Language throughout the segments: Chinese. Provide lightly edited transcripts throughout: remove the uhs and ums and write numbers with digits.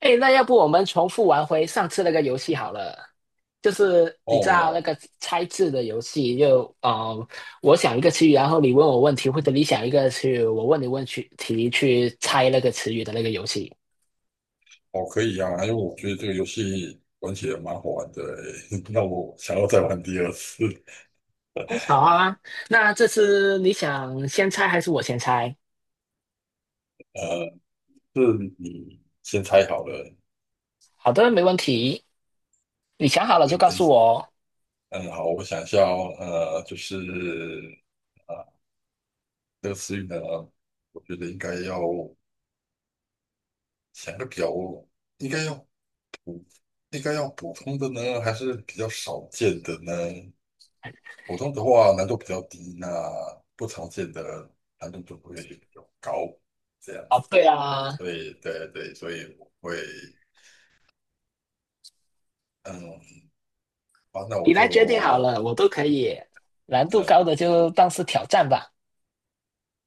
哎，那要不我们重复玩回上次那个游戏好了？就是你知道那哦个猜字的游戏就，我想一个词语，然后你问我问题，或者你想一个词语，我问你问去题，去猜那个词语的那个游戏。哦，可以啊，因为我觉得这个游戏玩起来蛮好玩的欸，那我想要再玩第二次。哦好 啊，那这次你想先猜还是我先猜？呃，是你先猜好了，好的，没问题。你想好好了的，就告等一诉下，我哦。嗯，好，我想一下哦，就是啊，这个词语呢，我觉得应该要想个比较，应该要应该要普通的呢，还是比较少见的呢？普通的话难度比较低，那不常见的难度就会比较高，这样哦，子。对啊，所以对对，所以我会嗯，好，那我你来决定好就了，我都可以。难度高嗯的就当是挑战吧。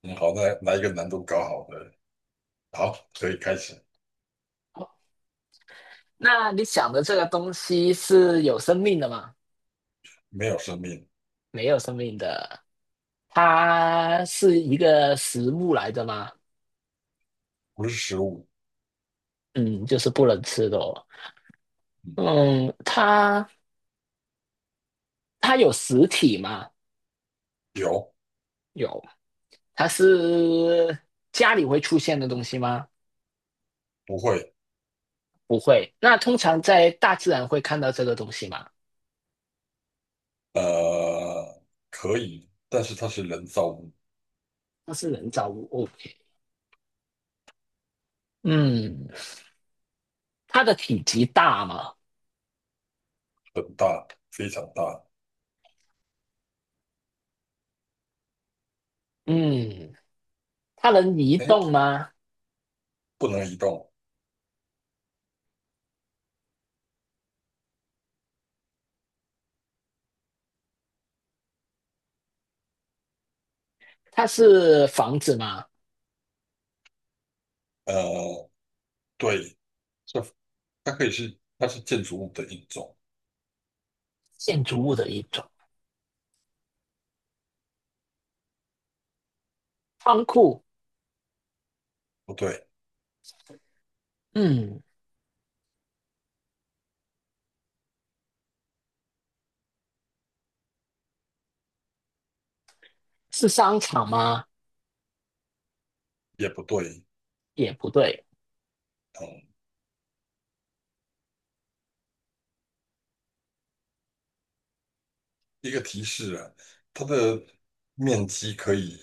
嗯，好，那来一个难度高好的，好，可以开始。那你想的这个东西是有生命的吗？没有生命，没有生命的，它是一个食物来的吗？不是食物，嗯，就是不能吃的哦。嗯，嗯，它有实体吗？有，有。它是家里会出现的东西吗？不会，不会。那通常在大自然会看到这个东西吗？呃，可以，但是它是人造物，它是人造物。OK。嗯，它的体积大吗？很大，非常大，嗯，它能移哎，动吗？不能移动，它是房子吗？呃，对，这它可以是，它是建筑物的一种，建筑物的一种。仓库，不对，嗯，是商场吗？也不对，也不对，嗯，一个提示啊，它的面积可以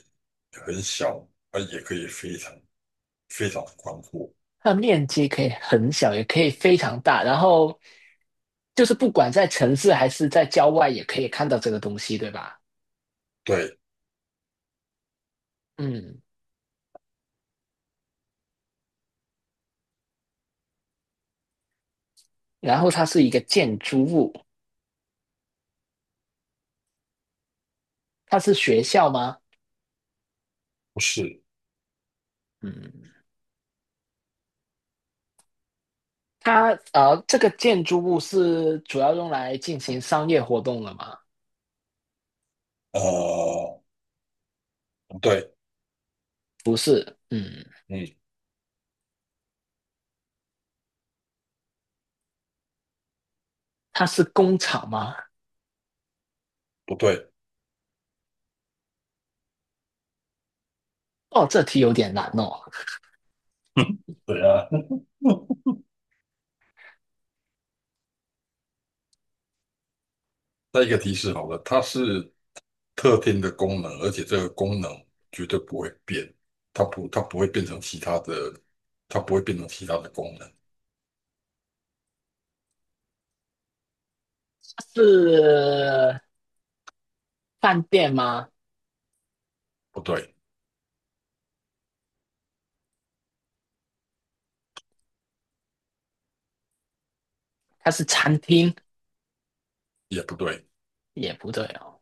很小，啊，也可以非常非常宽阔。它的面积可以很小，也可以非常大。然后就是不管在城市还是在郊外，也可以看到这个东西，对吧？对，嗯，然后它是一个建筑物，它是学校吗？不是，嗯，它这个建筑物是主要用来进行商业活动的吗？呃，不对，不是，嗯，嗯，它是工厂吗？不对，哦，这题有点难哦。对啊。再一个提示好了，它是特定的功能，而且这个功能绝对不会变，它不会变成其他的，它不会变成其他的功能。它是饭店吗？不对，它是餐厅也不对，也不对哦，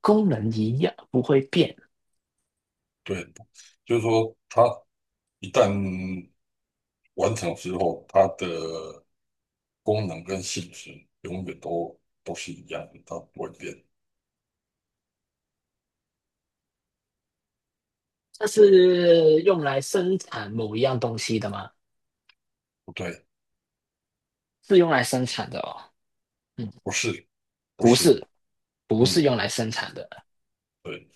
功能一样不会变。对，就是说它一旦完成之后，它的功能跟性质永远都是一样的，它不会变。它是用来生产某一样东西的吗？不对，是用来生产的哦。嗯，不是，不不是，是，不是嗯，用来生产的。对，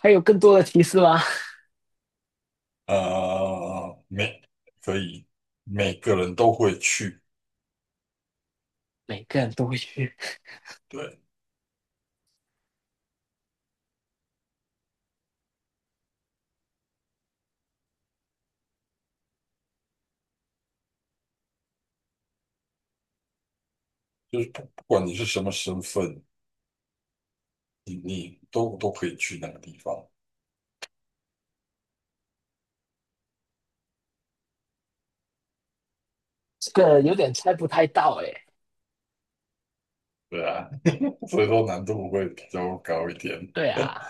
还有更多的提示吗？啊，每可以每个人都会去，每个人都会去，对，就是不管你是什么身份，你都可以去那个地方，这个有点猜不太到哎。对啊，所以说难度会比较高一点。对 啊，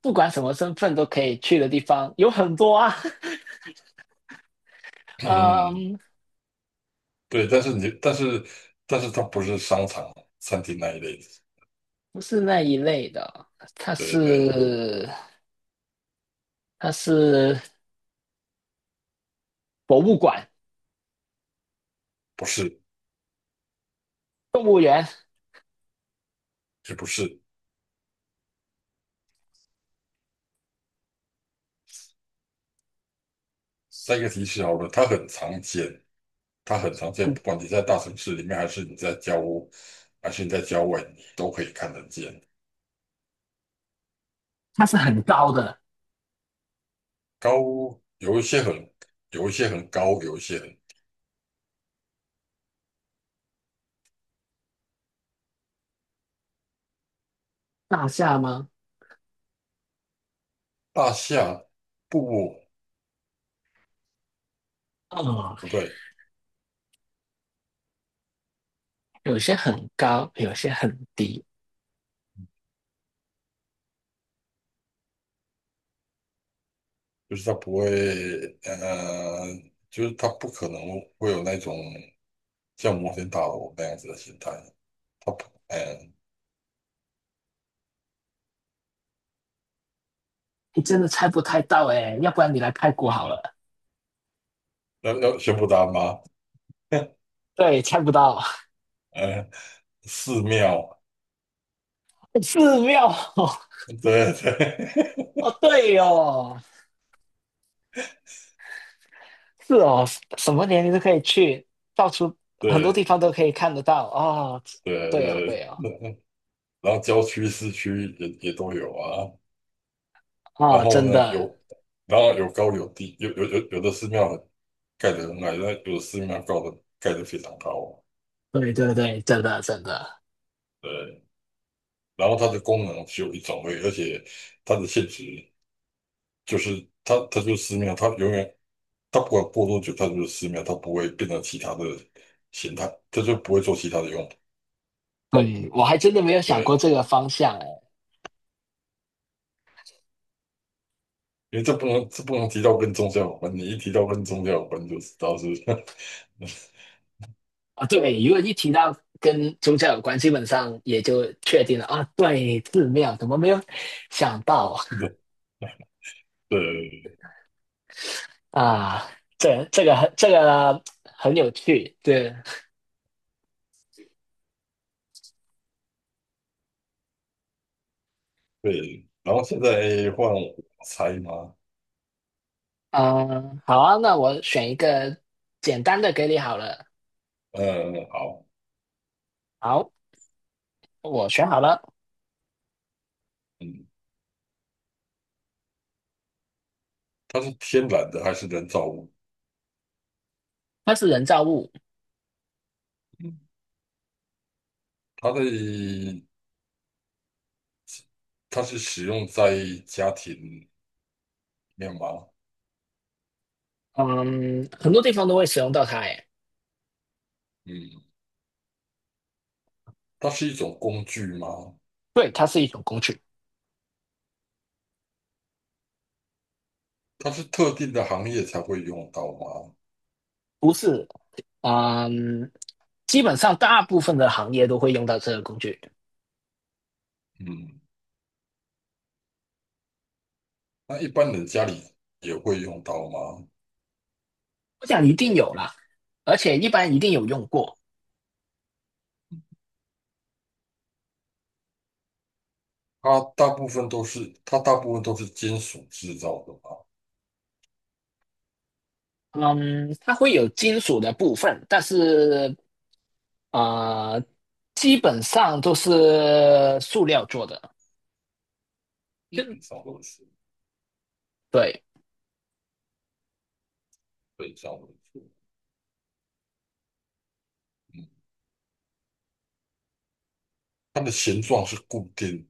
不管什么身份都可以去的地方有很多啊。嗯，嗯，对，但是它不是商场、餐厅那一类的。不是那一类的，它对对，是它是博物馆、不是，动物园，也不是，再一个提示好了，它很常见，它很常见，不管你在大城市里面，还是你在郊外，你都可以看得见。它是很高的。高，有一些很，有一些很高，有一些很大厦吗？大厦，不哦，不对，有些很高，有些很低。就是它不会，呃，就是它不可能会有那种像摩天大楼那样子的形态。它不，你真的猜不太到哎、要不然你来泰国好了。要宣布答案吗？对，猜不到。嗯、寺庙，寺庙哦，对哦对 对哦，是哦，什么年龄都可以去，到处 很多地对。方都可以看得到哦。对对哦，对对，哦，然后郊区、市区也都有啊。然哦，后真呢，的，然后有高有低，有的寺庙很盖得很矮，那有的寺庙高的盖得非常高啊。对对对，真的真的，对，然后它的功能只有一种而已，而且它的性质就是它就是寺庙，它永远它不管过多久，它就是寺庙，它不会变成其他的形态，它就不会做其他的用途。对，我还真的没有想过对，这个方向哎、因为这不能提到跟宗教有关，你一提到跟宗教有关就知道是 啊，对，如果一提到跟宗教有关，基本上也就确定了啊。对，寺庙怎么没有想到对对啊？啊这这个很这个很有趣，对，对，然后现在换我猜吗？嗯，好啊，那我选一个简单的给你好了。嗯，好，好，我选好了，嗯，它是天然的还是人造物？它是人造物，嗯，它的它是使用在家庭里面吗？嗯，很多地方都会使用到它，诶，嗯，它是一种工具吗？对，它是一种工具，它是特定的行业才会用到吗？不是，嗯，基本上大部分的行业都会用到这个工具。嗯，那一般人家里也会用到吗？我想一定有啦，而且一般一定有用过。它大部分都是它大部分都是金属制造的吗？嗯，它会有金属的部分，但是啊，基本上都是塑料做的。基就本上都是，对，对，基本上错，是。它的形状是固定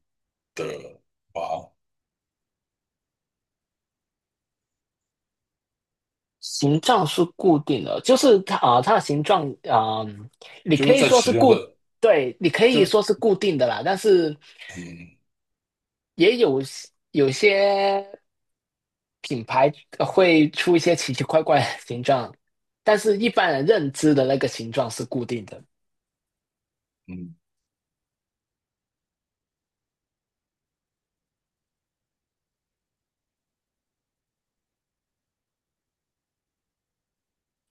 的啊，形状是固定的，就是它它的形状,你就可是以在说使是用固，的，对，你可就以是说是固定的啦。但是嗯也有有些品牌会出一些奇奇怪怪的形状，但是一般人认知的那个形状是固定的。嗯，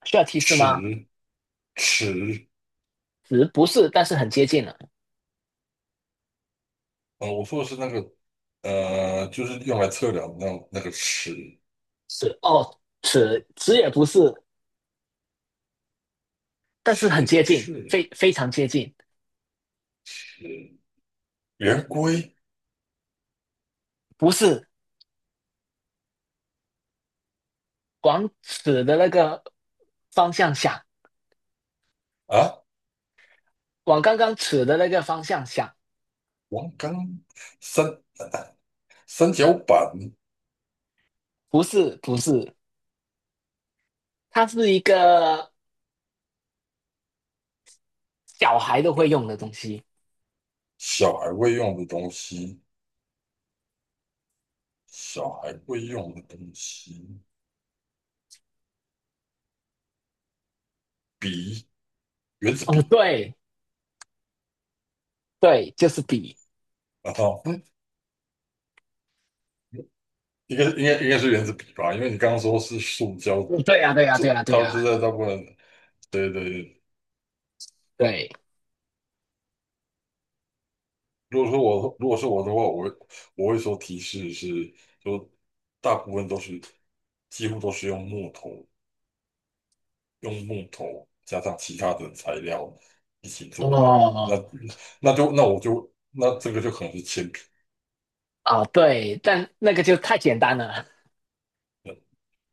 需要提示吗？尺尺，词不是，但是很接近了。我说的是那个就是用来测量那个尺词哦，词也不是，但是很尺，接不近，是非常接近。是圆规不是往此的那个方向想，啊，往刚刚此的那个方向想。王刚三三角板，不是，不是，它是一个小孩都会用的东西。小孩会用的东西，小孩会用的东西，笔，圆珠哦，笔对对，就是笔。啊，应该是原子笔吧，因为你刚刚说是塑胶，嗯对呀，啊对呀，啊这对呀，啊对大呀，啊部在大部分，对对对。对。如果是我的话，我会说提示是，就大部分都是几乎都是用木头，用木头加上其他的材料一起做的。那哦那就那我就那这个就可能是铅笔，哦，对，但那个就太简单了。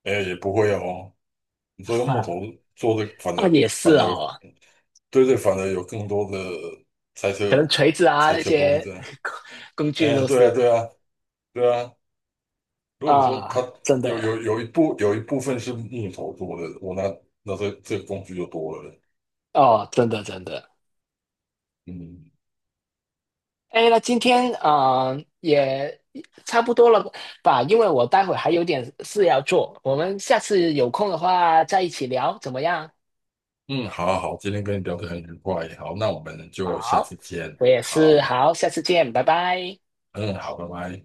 哎，也不会哦。你说用木头 做的，反啊，而也反是而哦。对对，反而有更多的猜可测能锤子啊猜那测空些 间。工具哎，都对啊，是对啊，对啊。如果你说它啊，真有的有有一部有一部分是木头做的，我那那这这个工具就多了。哦，真的真的。嗯哎，那今天啊,也差不多了吧？因为我待会还有点事要做，我们下次有空的话再一起聊，怎么样？嗯，好好好，今天跟你聊得很愉快，好，那我们就下好，次见。我也是，好，好，下次见，拜拜。嗯，好，拜拜。